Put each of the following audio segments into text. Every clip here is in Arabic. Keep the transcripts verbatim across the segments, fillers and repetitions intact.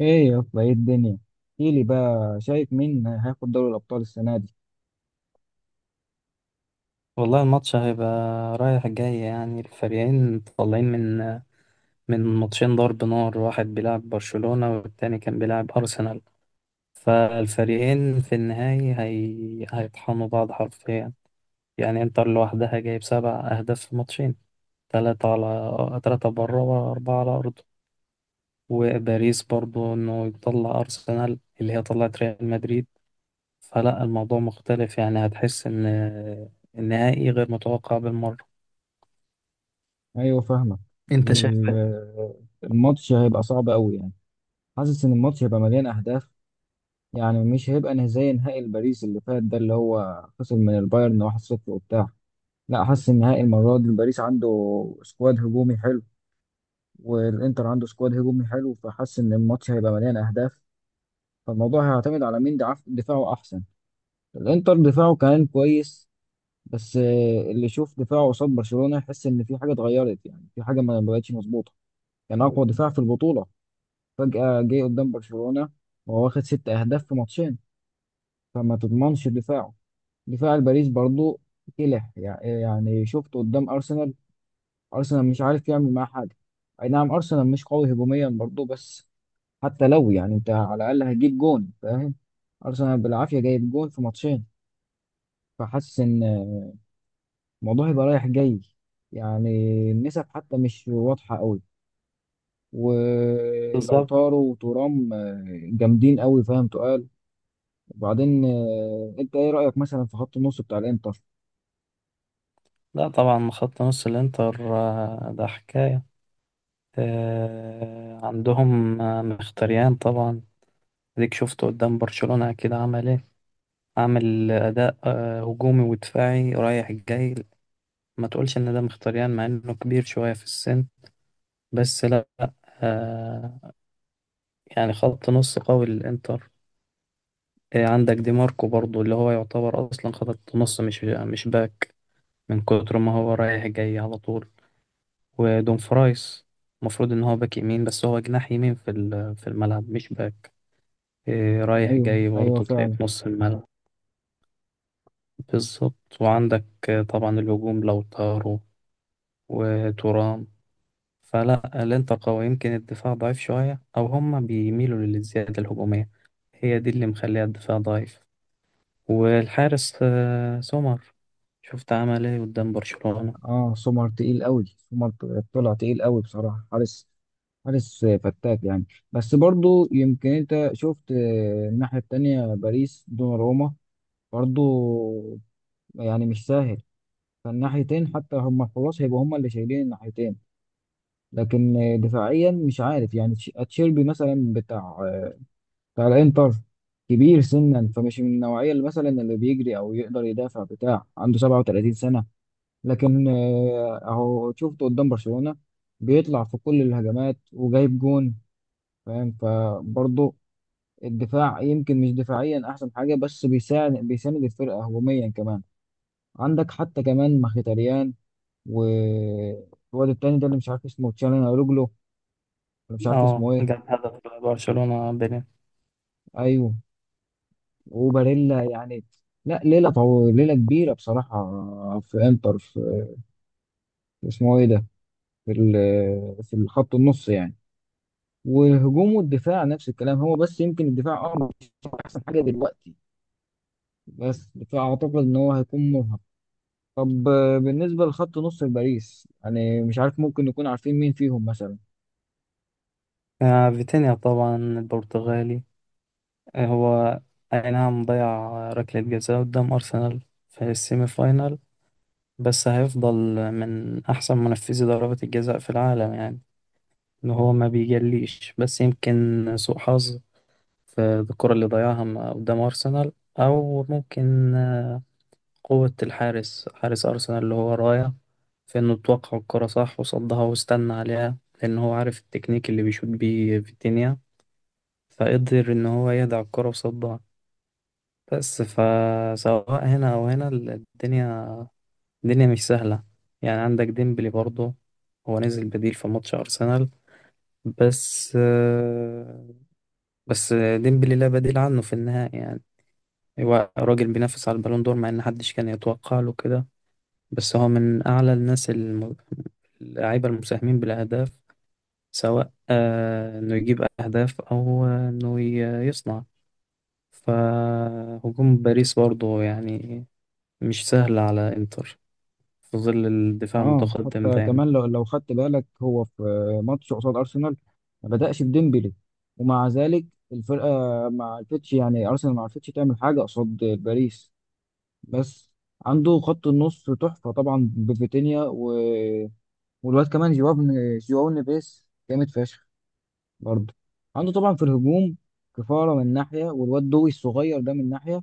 ايه يا اسطى، ايه الدنيا؟ احكيلي بقى، شايف مين هياخد دوري الابطال السنه دي؟ والله الماتش هيبقى رايح جاي، يعني الفريقين طالعين من من ماتشين ضرب نار. واحد بيلعب برشلونة والتاني كان بيلعب أرسنال، فالفريقين في النهاية هي... هيطحنوا بعض حرفيا. يعني انتر لوحدها جايب سبع أهداف في ماتشين، تلاتة على تلاتة بره وأربعة على أرضه. وباريس برضو إنه يطلع أرسنال اللي هي طلعت ريال مدريد، فلا الموضوع مختلف. يعني هتحس إن النهائي غير متوقع بالمرة. ايوه، فاهمك. انت شايف؟ ال- الماتش هيبقى صعب قوي يعني. حاسس ان الماتش هيبقى مليان اهداف. يعني مش هيبقى نه- زي نهائي باريس اللي فات، ده اللي هو خسر من البايرن واحد لا شيء وبتاع. لا، حاسس ان نهائي المره دي باريس عنده سكواد هجومي حلو، والانتر عنده سكواد هجومي حلو، فحاسس ان الماتش هيبقى مليان اهداف. فالموضوع هيعتمد على مين دعف- دفاعه احسن. الانتر دفاعه كان كويس، بس آه، اللي يشوف دفاعه قصاد برشلونة يحس ان في حاجة اتغيرت، يعني في حاجة ما ما بقتش مظبوطة. يعني اقوى دفاع في البطولة فجأة جه قدام برشلونة وهو واخد ست اهداف في ماتشين، فما تضمنش دفاعه. دفاع الباريس برضو كلح، يع- يعني شفت قدام ارسنال، ارسنال مش عارف يعمل معاه حاجة. اي نعم، ارسنال مش قوي هجوميا برضو، بس حتى لو، يعني انت على الاقل هتجيب جون فاهم. ارسنال بالعافية جايب جون في ماتشين. فحاسس ان الموضوع يبقى رايح جاي، يعني النسب حتى مش واضحة قوي. ولو بالظبط. طاروا وترام آه، جامدين قوي، فاهم؟ تقال. وبعدين آه، انت ايه رأيك مثلا في خط النص بتاع الانتر؟ لا طبعا، خط نص الانتر آه، ده حكاية. آه، عندهم آه، مختريان طبعا. اديك شفته قدام برشلونة، اكيد عمل ايه؟ عامل اداء آه، هجومي ودفاعي رايح جاي. ما تقولش ان ده مختريان مع انه كبير شوية في السن، بس لا. آه، يعني خط نص قوي للانتر. آه، عندك دي ماركو برضو اللي هو يعتبر اصلا خط نص، مش مش باك، من كتر ما هو رايح جاي على طول. ودون فرايس المفروض ان هو باك يمين، بس هو جناح يمين في ال- في الملعب، مش باك. إيه، رايح ايوه جاي ايوه، برضه تلاقيه فعلا. في نص الملعب. بالظبط، وعندك آه، طبعا الهجوم لوتارو وتورام، فلا الانتر قوي. يمكن الدفاع ضعيف شوية، او هما بيميلوا للزيادة الهجومية، هي دي اللي مخليها الدفاع ضعيف. والحارس آه، سومر، شفت عمل ايه قدام برشلونة؟ اه، سومر تقيل قوي، سومر طلع تقيل قوي بصراحة. حارس، حارس فتاك يعني. بس برضو يمكن انت شفت، آه، الناحية التانية باريس دوناروما برضو، يعني مش سهل. فالناحيتين حتى هما خلاص هيبقوا هما اللي شايلين الناحيتين. لكن دفاعيا مش عارف يعني، تش- اتشيربي مثلا بتاع بتاع الانتر كبير سنا، فمش من النوعيه اللي مثلا اللي بيجري او يقدر يدافع، بتاع عنده سبعة وتلاتين سنه. لكن آه، اهو شفته قدام برشلونه بيطلع في كل الهجمات وجايب جون، فاهم؟ فبرضه الدفاع يمكن مش دفاعيا احسن حاجه، بس بيساعد بيساند الفرقه هجوميا كمان. عندك حتى كمان مخيتاريان، والواد التاني ده اللي مش عارف اسمه، تشالهانوغلو ولا مش عارف اه، اسمه ايه. جاب هدف برشلونة بين. ايوه. وباريلا يعني، لا ليله طو... ليله كبيره بصراحه في انتر. في اسمه ايه ده، في ال- في الخط النص يعني. وهجوم والدفاع نفس الكلام، هو بس يمكن الدفاع اه مش احسن حاجه دلوقتي، بس فاعتقد ان هو هيكون مرهق. طب آه، بالنسبه لخط نص باريس يعني مش عارف، ممكن نكون عارفين مين فيهم مثلا؟ آه، فيتينيا طبعا البرتغالي. آه، هو أي نعم ضيع ركلة جزاء قدام أرسنال في السيمي فاينال، بس هيفضل من أحسن منفذي ضربات الجزاء في العالم. يعني إن هو ما بيجليش، بس يمكن سوء حظ في الكرة اللي ضيعها م- قدام أرسنال، أو ممكن آه، قوة الحارس حارس أرسنال اللي هو رايا، في إنه توقع الكرة صح وصدها واستنى عليها، لأن هو عارف التكنيك اللي بيشوط بيه فيتينيا، فقدر إن هو يدع الكرة وصدها. بس فسواء هنا أو هنا، ال- الدنيا الدنيا مش سهلة. يعني عندك ديمبلي برضه، هو نزل بديل في ماتش أرسنال، بس آه، بس ديمبلي لا بديل عنه في النهائي. يعني هو راجل بينافس على البالون دور، مع إن محدش كان يتوقع له كده، بس هو من أعلى الناس، الم- اللعيبة المساهمين بالأهداف، سواء آه، إنه يجيب أهداف أو آه، إنه ي- يصنع. فهجوم باريس برضه يعني مش سهلة على إنتر في ظل الدفاع اه، المتقدم حتى دايما. كمان لو لو خدت بالك، هو في ماتش قصاد ارسنال ما بدأش بديمبلي، ومع ذلك الفرقه ما عرفتش، يعني ارسنال ما عرفتش تعمل حاجه قصاد باريس. بس عنده خط النص تحفه طبعا بفيتينيا و... والواد كمان جواو، جواو نيفيس جامد فشخ. برضه عنده طبعا في الهجوم كفاره من ناحيه، والواد دوي الصغير ده من ناحيه.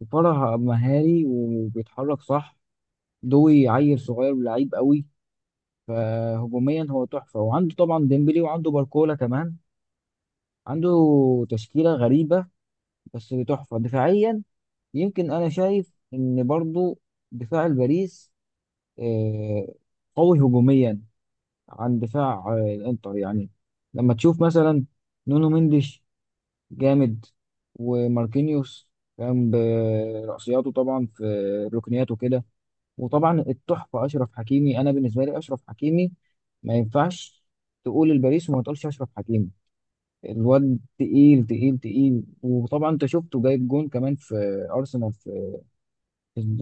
كفاره مهاري وبيتحرك صح. دوي عيل صغير ولعيب قوي. فهجوميا هو تحفة، وعنده طبعا ديمبلي وعنده باركولا كمان. عنده تشكيلة غريبة، بس تحفة دفاعيا. يمكن أنا شايف إن برضو دفاع الباريس آه، قوي هجوميا عن دفاع آه، الإنتر يعني. لما تشوف مثلا نونو مندش جامد، وماركينيوس كان برأسياته طبعا في ركنياته كده. وطبعا التحفه اشرف حكيمي، انا بالنسبه لي اشرف حكيمي ما ينفعش تقول الباريس وما تقولش اشرف حكيمي. الواد تقيل تقيل تقيل، وطبعا انت شفته جايب جون كمان في ارسنال، في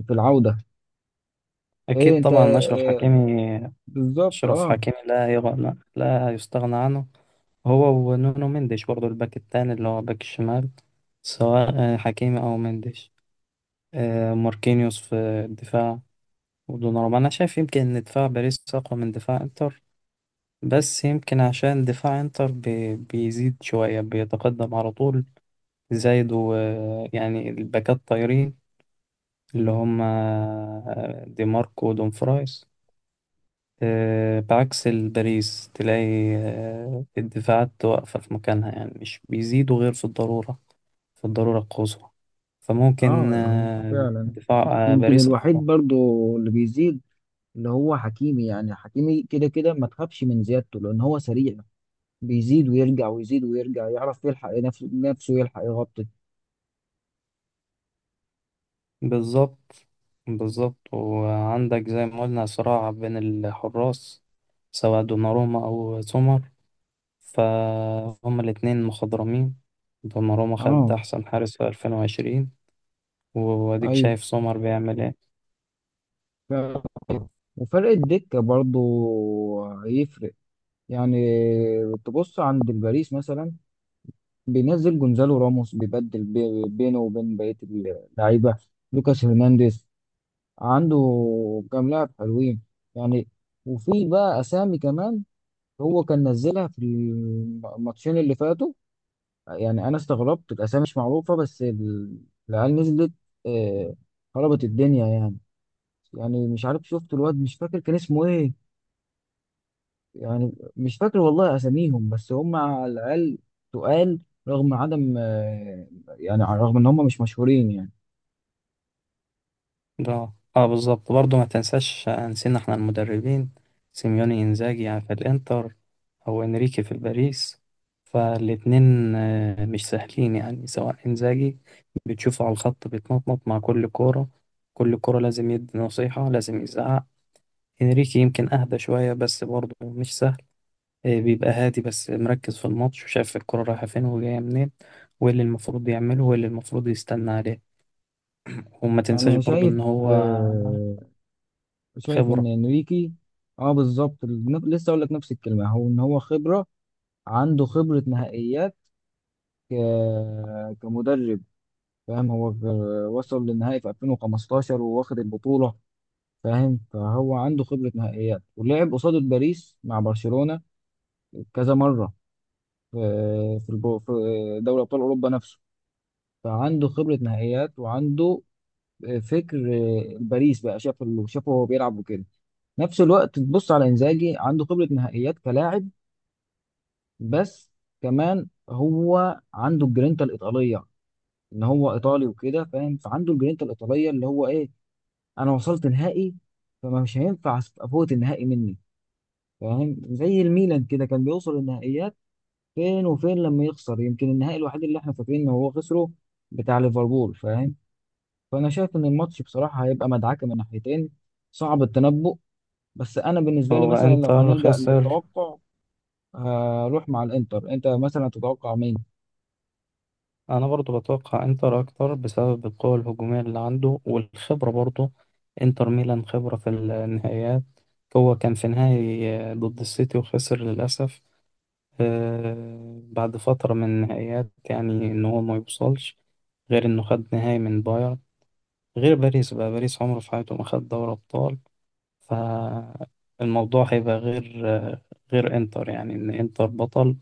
في العوده. ايه أكيد انت طبعا أشرف آه، حكيمي بالظبط، أشرف اه. حكيمي لا يغنى لا يستغنى عنه، هو ونونو مندش برضه، الباك التاني اللي هو باك الشمال، سواء حكيمي أو مندش. آه، ماركينيوس في الدفاع، ودوناروما. أنا شايف يمكن إن دفاع باريس أقوى من دفاع إنتر، بس يمكن عشان دفاع إنتر بي- بيزيد شوية، بيتقدم على طول، زايد. ويعني الباكات طايرين، اللي هم آه، دي ماركو ودومفرايس، آه، بعكس الباريس. تلاقي آه، الدفاعات واقفة في مكانها، يعني مش بيزيدوا غير في الضرورة، في الضرورة القصوى. فممكن اه، آه، فعلا. دفاع آه، يمكن باريس أقوى. الوحيد برضو اللي بيزيد اللي هو حكيمي، يعني حكيمي كده كده ما تخافش من زيادته لان هو سريع، بيزيد ويرجع ويزيد ويرجع، يعرف يلحق نفسه نفسه يلحق يغطي. بالظبط، بالظبط. وعندك زي ما قلنا صراع بين الحراس، سواء دوناروما أو سومر، فهم الاتنين مخضرمين. دوناروما خد اه، أحسن حارس في ألفين و عشرين، واديك ايوه. شايف سومر بيعمل ايه. ف- وفرق الدكة برضو هيفرق يعني. تبص عند الباريس مثلا، بينزل جونزالو راموس، بيبدل بي- بينه وبين بقية اللعيبة. لوكاس هرنانديز، عنده كام لاعب حلوين يعني. وفي بقى أسامي كمان هو كان نزلها في الماتشين اللي فاتوا. يعني أنا استغربت، الأسامي مش معروفة، بس ال- العيال نزلت آه، خربت الدنيا يعني. يعني مش عارف، شفت الواد مش فاكر كان اسمه ايه، يعني مش فاكر والله اساميهم، بس هم على الاقل تقال. رغم عدم، آه، يعني رغم ان هم مش مشهورين يعني. ده اه، بالظبط. برضه ما تنساش، نسينا احنا المدربين، سيميوني انزاجي يعني في الانتر، او انريكي في الباريس. فالاتنين آه، مش سهلين، يعني سواء انزاجي، بتشوفه على الخط بيتنطط مع كل كورة، كل كورة لازم يدي نصيحة، لازم يزعق. انريكي يمكن اهدى شوية، بس برضه مش سهل. آه، بيبقى هادي، بس مركز في الماتش وشايف الكورة رايحة فين وجاية منين، وايه اللي المفروض يعمله وايه اللي المفروض يستنى عليه. وما تنساش انا برضو شايف ان هو آه، شايف ان خبرة. انريكي. اه بالظبط، نف- لسه اقول لك نفس الكلمه، هو ان هو خبره، عنده خبره نهائيات ك- كمدرب، فاهم؟ هو غ- وصل للنهائي في ألفين وخمستاشر وواخد البطوله، فاهم؟ فهو عنده خبره نهائيات ولعب قصاد باريس مع برشلونه كذا مره في في البو- في دوري ابطال اوروبا نفسه. فعنده خبره نهائيات وعنده آه، فكر آه، باريس بقى شاف اللي شافه وهو بيلعب وكده. نفس الوقت تبص على انزاجي، عنده خبره نهائيات كلاعب، بس كمان هو عنده الجرينتا الايطاليه، ان هو ايطالي وكده فاهم. فعنده الجرينتا الايطاليه اللي هو ايه، انا وصلت نهائي فما مش هينفع افوت النهائي مني، فاهم؟ زي الميلان كده كان بيوصل النهائيات فين وفين، لما يخسر يمكن النهائي الوحيد اللي احنا فاكرين ان هو خسره بتاع ليفربول، فاهم؟ فانا شايف ان الماتش بصراحه هيبقى مدعكه من ناحيتين، صعب التنبؤ. بس انا بالنسبه لي هو مثلا لو انتر هنلجأ خسر. للتوقع هروح مع الانتر، انت مثلا تتوقع مين؟ انا برضو بتوقع انتر اكتر، بسبب القوة الهجومية اللي عنده والخبرة برضو. انتر ميلان خبرة في النهائيات، هو كان في نهائي ضد السيتي وخسر للأسف. آه، بعد فترة من النهائيات، يعني ان هو ما يوصلش، غير انه خد نهائي من بايرن. غير باريس بقى، باريس عمره في حياته ما خد دوري ابطال. فالموضوع هيبقى غير غير انتر، يعني ان انتر بطل،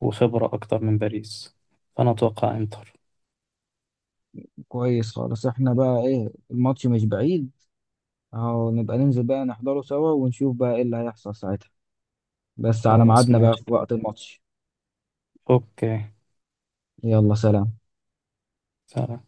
وخبرة اكتر من باريس. فانا اتوقع انتر. كويس خالص. احنا بقى ايه، الماتش مش بعيد، اهو نبقى ننزل بقى نحضره سوا ونشوف بقى ايه اللي هيحصل ساعتها. بس على خلاص، ميعادنا بقى ماشي، في وقت الماتش. اوكي، يلا، سلام. سلام.